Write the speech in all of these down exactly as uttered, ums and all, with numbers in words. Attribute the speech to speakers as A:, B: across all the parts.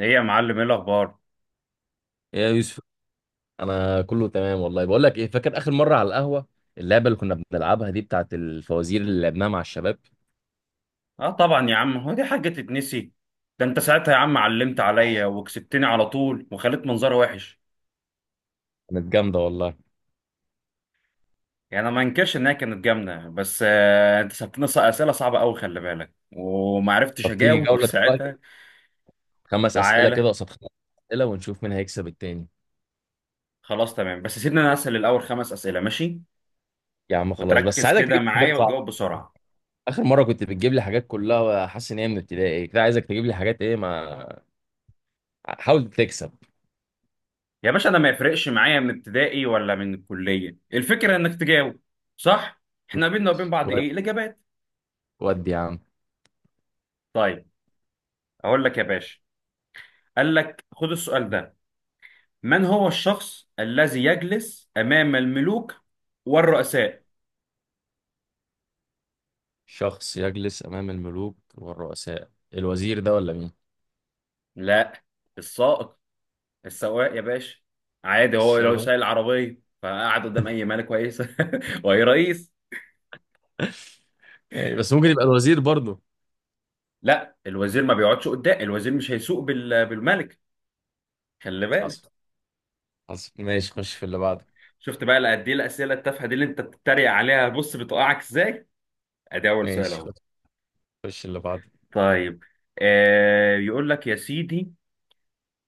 A: ايه يا معلم، ايه الاخبار؟
B: إيه يا يوسف، انا كله تمام والله. بقول لك ايه، فاكر اخر مره على القهوه اللعبه اللي كنا بنلعبها دي بتاعت الفوازير اللي لعبناها مع الشباب؟
A: اه طبعا يا عم، هو دي حاجه تتنسي؟ ده انت ساعتها يا عم علمت عليا وكسبتني على طول وخليت منظري وحش.
B: كانت جامده والله.
A: يعني انا ما انكرش انها كانت جامده، بس آه انت سبتني ص- اسئله صعبه قوي، خلي بالك، وما عرفتش
B: طب تيجي
A: اجاوب
B: جوله دلوقتي؟
A: ساعتها.
B: خمس اسئله
A: تعالى.
B: كده قصاد خمس اسئله، ونشوف مين هيكسب التاني.
A: خلاص تمام، بس سيبني انا اسال الاول، خمس اسئله ماشي؟
B: يا عم خلاص، بس
A: وتركز
B: عايزك
A: كده
B: تجيب
A: معايا
B: حاجات
A: وتجاوب
B: صعبه.
A: بسرعه.
B: اخر مره كنت بتجيب لي حاجات كلها حاسس ان هي من ابتدائي، كده عايزك تجيب لي حاجات ايه ما، حاول تكسب.
A: يا باشا انا ما يفرقش معايا من ابتدائي ولا من الكليه، الفكره انك تجاوب صح. احنا بينا وبين بعض،
B: ود
A: ايه الاجابات؟
B: ودي يا عم.
A: طيب اقول لك يا باشا، قال لك خد السؤال ده: من هو الشخص الذي يجلس أمام الملوك والرؤساء؟
B: شخص يجلس امام الملوك والرؤساء، الوزير ده ولا مين؟
A: لا، السائق، السواق يا باشا. عادي، هو لو
B: الشاور،
A: سايق العربية فقعد قدام أي مالك كويسة وأي رئيس.
B: يعني. بس ممكن يبقى الوزير برضه.
A: لا، الوزير ما بيقعدش قدام، الوزير مش هيسوق بال- بالملك، خلي بالك.
B: حصل، حصل، ماشي، خش في اللي بعده.
A: شفت بقى قد ايه الأسئلة التافهة دي اللي أنت بتتريق عليها، بص بتوقعك إزاي. أدي أول سؤال
B: ماشي،
A: أهو.
B: خش، خش اللي بعده.
A: طيب، آه يقول لك يا سيدي: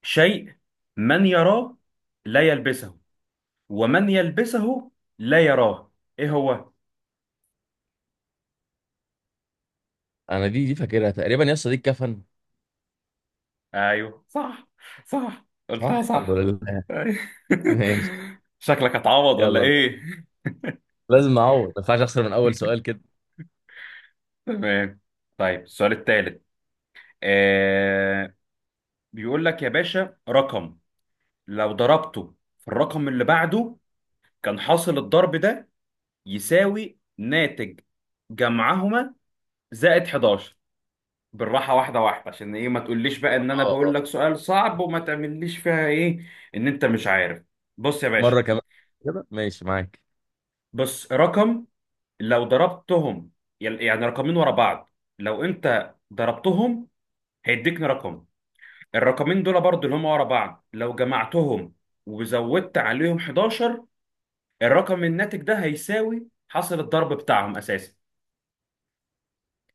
A: شيء من يراه لا يلبسه، ومن يلبسه لا يراه، ايه هو؟
B: انا دي دي فاكرها تقريبا يا اسطى، دي الكفن.
A: ايوه صح، صح
B: صح،
A: قلتها
B: الحمد
A: صح.
B: لله.
A: أيوة.
B: ماشي.
A: شكلك هتعوض ولا
B: يلا،
A: ايه؟
B: لازم اعوض، ما ينفعش اخسر من اول سؤال كده.
A: تمام، طيب السؤال الثالث، آه بيقول لك يا باشا: رقم لو ضربته في الرقم اللي بعده كان حاصل الضرب ده يساوي ناتج جمعهما زائد حداشر. بالراحة، واحدة واحدة، عشان ايه ما تقوليش بقى ان انا
B: اه،
A: بقول
B: اه،
A: لك سؤال صعب وما تعمليش فيها ايه، ان انت مش عارف. بص يا باشا،
B: مره كمان كده ماشي معاك.
A: بص رقم لو ضربتهم، يل- يعني رقمين ورا بعض، لو انت ضربتهم هيديكني رقم، الرقمين دول برضو اللي هم ورا بعض لو جمعتهم وزودت عليهم حداشر، الرقم الناتج ده هيساوي حاصل الضرب بتاعهم اساسا،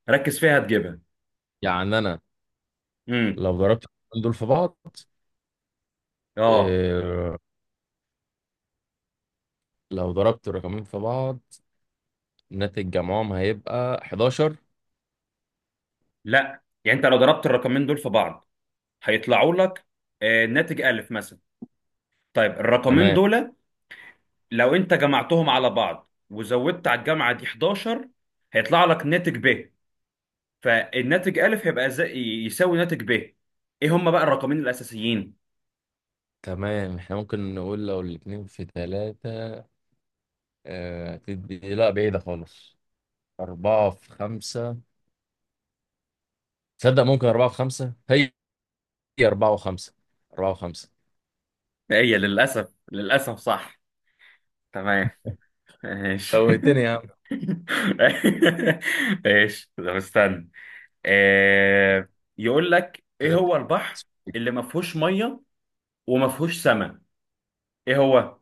A: ركز فيها هتجيبها.
B: يعني انا
A: امم
B: لو ضربت الرقمين دول في بعض،
A: اه
B: إيه، لو ضربت الرقمين في بعض ناتج جمعهم هيبقى أحد عشر؟
A: لا، يعني انت لو ضربت الرقمين دول في بعض هيطلعوا لك، آه، ناتج ألف مثلا. طيب الرقمين
B: تمام.
A: دول لو أنت جمعتهم على بعض وزودت على الجامعة دي حداشر هيطلع لك ناتج ب، فالناتج ألف هيبقى زي، يساوي ناتج ب، إيه هما بقى الرقمين الأساسيين؟
B: تمام، احنا ممكن نقول لو الاتنين في ثلاثة. آه، تدي لا، بعيدة خالص. أربعة في خمسة. تصدق ممكن أربعة في خمسة؟ هي هي أربعة وخمسة، أربعة وخمسة.
A: إيه هي، للأسف للأسف صح. تمام، ماشي
B: فوهتني يا عم،
A: ماشي، طب استنى، آه، يقول لك: إيه
B: كده.
A: هو البحر اللي ما فيهوش مية وما فيهوش سماء؟ إيه هو؟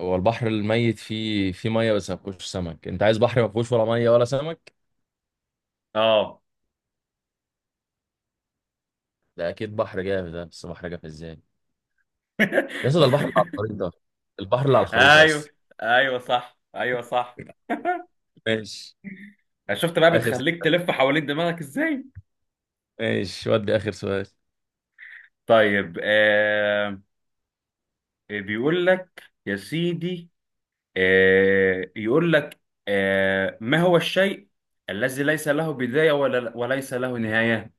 B: هو البحر الميت فيه فيه مية بس ما فيهوش سمك. أنت عايز بحر ما فيهوش ولا مية ولا سمك؟
A: آه.
B: ده أكيد بحر جاف، ده بس بحر جاف إزاي؟ يا اسطى، ده البحر اللي على الخريطة، البحر اللي على الخريطة بس.
A: ايوه ايوه صح، ايوه صح.
B: ماشي،
A: شفت بقى
B: آخر
A: بتخليك
B: سؤال.
A: تلف حوالين دماغك ازاي.
B: ماشي، ودي آخر سؤال.
A: طيب، آه آه، بيقول لك يا سيدي، آه يقول لك، آه ما هو الشيء الذي ليس له بداية ولا وليس له نهاية؟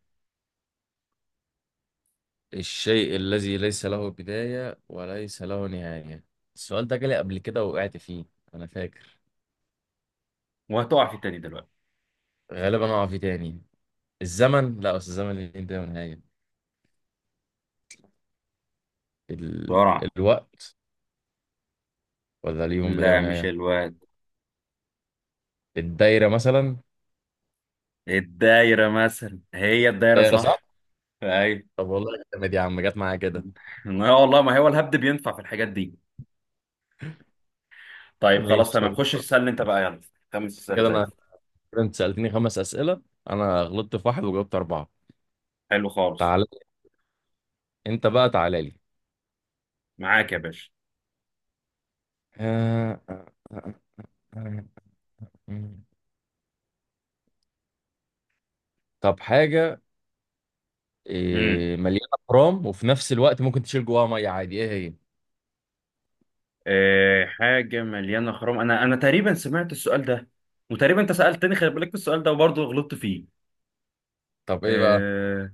B: الشيء الذي ليس له بداية وليس له نهاية. السؤال ده جالي قبل كده ووقعت فيه، أنا فاكر.
A: وهتقع في التاني دلوقتي.
B: غالبا هقع فيه تاني. الزمن، لا، بس الزمن ليه بداية ونهاية. ال...
A: بسرعة.
B: الوقت، ولا ليهم بداية
A: لا، مش
B: ونهاية؟
A: الواد.
B: الدايرة مثلا.
A: الدايرة مثلا، هي الدايرة
B: دايرة، صح،
A: صح.
B: صح.
A: ايوه.
B: طب والله جامد يا عم، جت معايا كده.
A: ما هو والله، ما هو الهبد بينفع في الحاجات دي. طيب خلاص
B: ماشي،
A: تمام،
B: طب.
A: خش اسألني انت بقى، يلا. خمس اسئلة
B: كده
A: زي
B: انا
A: الفل.
B: كده انت سألتني خمس أسئلة، انا غلطت في واحد وجاوبت أربعة.
A: حلو خالص.
B: تعال، انت بقى تعالى لي.
A: معاك يا باشا.
B: آه، آه، آه، آه، آه. آه. طب حاجة،
A: امم
B: إيه، مليانة برام وفي نفس الوقت ممكن تشيل جواها مية عادي، ايه هي؟
A: آه حاجة مليانة خرام، انا انا تقريبا سمعت السؤال ده، وتقريبا انت سألتني خلي بالك في السؤال ده وبرضه غلطت فيه.
B: طب ايه بقى؟
A: اه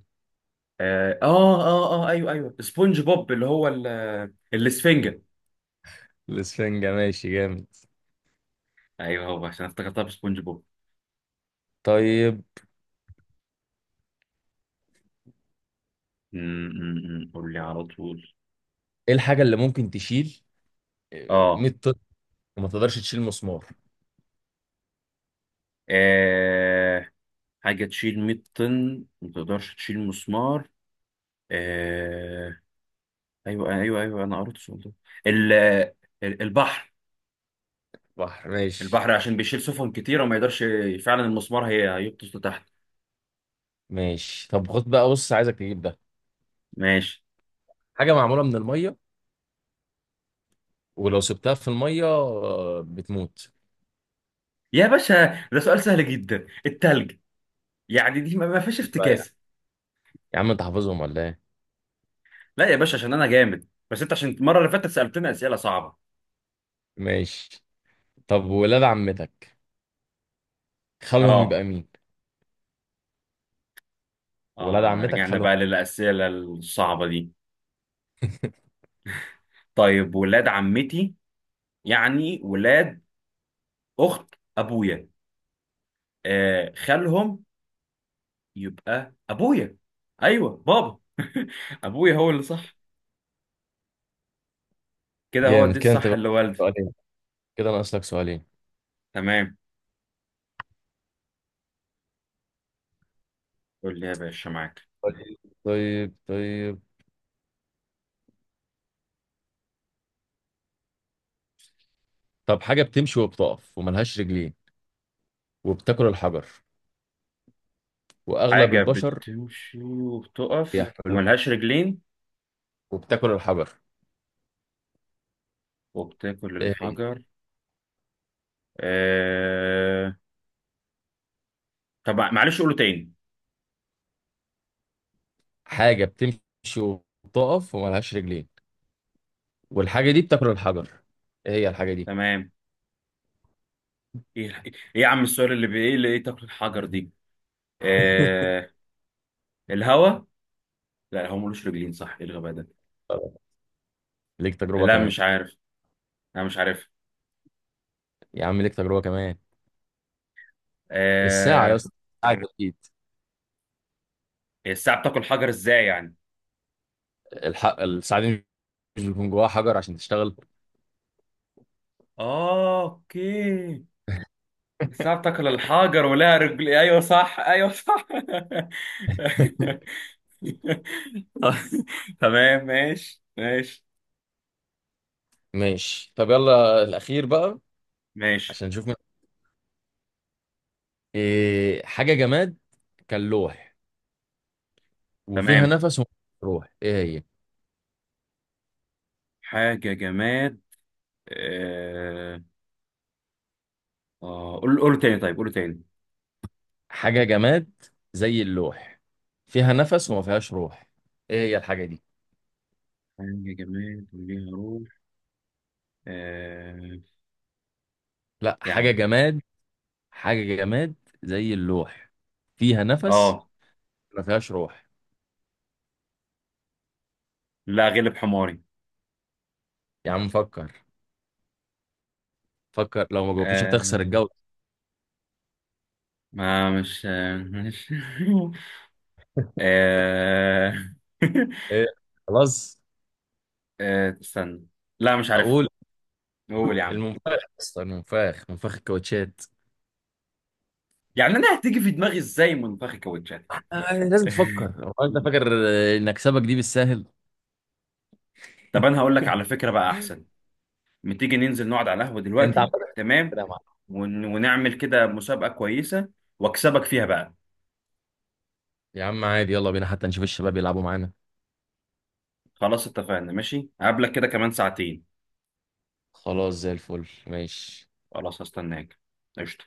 A: اه اه اه آه، آه، ايوه ايوه سبونج بوب، اللي هو ال- الاسفنجة.
B: الاسفنجة، ماشي، جامد.
A: ايوه هو عشان افتكرتها بسبونج بوب.
B: طيب
A: أمم، أمم، أمم. قول لي على طول.
B: ايه الحاجة اللي ممكن تشيل
A: اه
B: 100 طن وما تقدرش تشيل مسمار؟
A: آه، حاجة تشيل مية طن ما تقدرش تشيل مسمار. آه ايوه ايوه ايوه انا قريت السؤال ده، ال- ال- البحر
B: بحر، ماشي.
A: البحر عشان بيشيل سفن كتيرة وما يقدرش، فعلا المسمار هي هيغطس لتحت.
B: ماشي، طب خد بقى، بص عايزك تجيب ده.
A: ماشي
B: حاجة معمولة من المية، ولو سبتها في المية آه، بتموت.
A: يا باشا، ده سؤال سهل جدا، التلج. يعني دي ما ما فيهاش
B: بقى يعني.
A: افتكاسة.
B: يا عم انت حافظهم ولا ايه؟
A: لا يا باشا، عشان انا جامد، بس انت عشان المرة اللي فاتت سألتنا أسئلة صعبة.
B: ماشي، طب ولاد عمتك خلهم
A: اه
B: يبقى مين؟ ولاد
A: اه
B: عمتك
A: رجعنا
B: خلهم.
A: بقى للأسئلة الصعبة دي. طيب ولاد عمتي يعني ولاد أخت أبويا، آه خالهم يبقى أبويا، أيوه بابا. أبويا هو اللي صح، كده هو
B: جامد
A: دي
B: كده انت
A: الصح،
B: بقى.
A: اللي والدي.
B: سؤالين، كده ناقص لك سؤالين.
A: تمام، قول لي يا باشا، معاك.
B: طيب، طيب، طيب، طب حاجة بتمشي وبتقف وملهاش رجلين، وبتاكل الحجر، وأغلب
A: حاجة
B: البشر
A: بتمشي وبتقف
B: بيحملوه،
A: وملهاش رجلين
B: وبتاكل الحجر.
A: وبتاكل
B: آه،
A: الحجر. آه... طب معلش قوله تاني.
B: حاجة بتمشي وبتقف وملهاش رجلين، والحاجة دي بتاكل الحجر، ايه هي الحاجة دي؟
A: تمام، ايه ايه يا عم السؤال اللي بي... ايه اللي ايه تاكل الحجر دي. آه... الهوا. لا هو ملوش رجلين صح، ايه الغباء ده.
B: طب، ليك تجربة
A: لا
B: كمان.
A: مش عارف، انا مش عارف.
B: يا عم ليك تجربة كمان. الساعة يا
A: آه...
B: اسطى، الساعة أكيد.
A: الساعة بتاكل حجر ازاي يعني؟
B: الحق، الساعة دي مش بيكون جواها حجر عشان تشتغل؟
A: اه اوكي، الساعة بتاكل الحجر ولها رجل، ايوه صح، ايوه صح. تمام، ماشي ماشي
B: ماشي، طب يلا الأخير بقى.
A: ماشي.
B: عشان نشوف من... إيه حاجة جماد كان لوح، وفيها
A: تمام،
B: نفس وما فيهاش روح، ايه هي؟
A: حاجة جماد. آه آه قول قول تاني، طيب قول تاني.
B: حاجة جماد زي اللوح، فيها نفس وما فيهاش روح، ايه هي الحاجة دي؟
A: حاجة جماد وليها روح. آه إيه؟
B: لا،
A: يا عم
B: حاجة
A: ده،
B: جماد. حاجة جماد زي اللوح، فيها نفس،
A: اه
B: ما فيهاش روح.
A: لا، غلب حماري.
B: يا عم فكر، فكر، لو ما جاوبتش هتخسر
A: آه
B: الجولة.
A: ما مش آه، مش. آه.
B: ايه، خلاص،
A: آه استنى. لا مش عارف.
B: اقول.
A: قول يا عم.
B: المنفاخ، اصلا المنفاخ، منفاخ الكاوتشات.
A: يعني انا هتيجي في دماغي ازاي منفخ كاوتشات يعني.
B: آه، لازم تفكر. هو انت فاكر آه، ان اكسبك دي بالسهل؟
A: طب انا هقول لك على فكرة بقى احسن، ما تيجي ننزل نقعد على القهوة
B: انت عمال
A: دلوقتي، تمام؟
B: كده يا معلم.
A: ون... ونعمل كده مسابقة كويسة واكسبك فيها بقى.
B: يا عم عادي، يلا بينا حتى نشوف الشباب يلعبوا معانا.
A: خلاص اتفقنا، ماشي، هقابلك كده كمان ساعتين.
B: خلاص، زي الفل، ماشي.
A: خلاص هستناك، قشطة.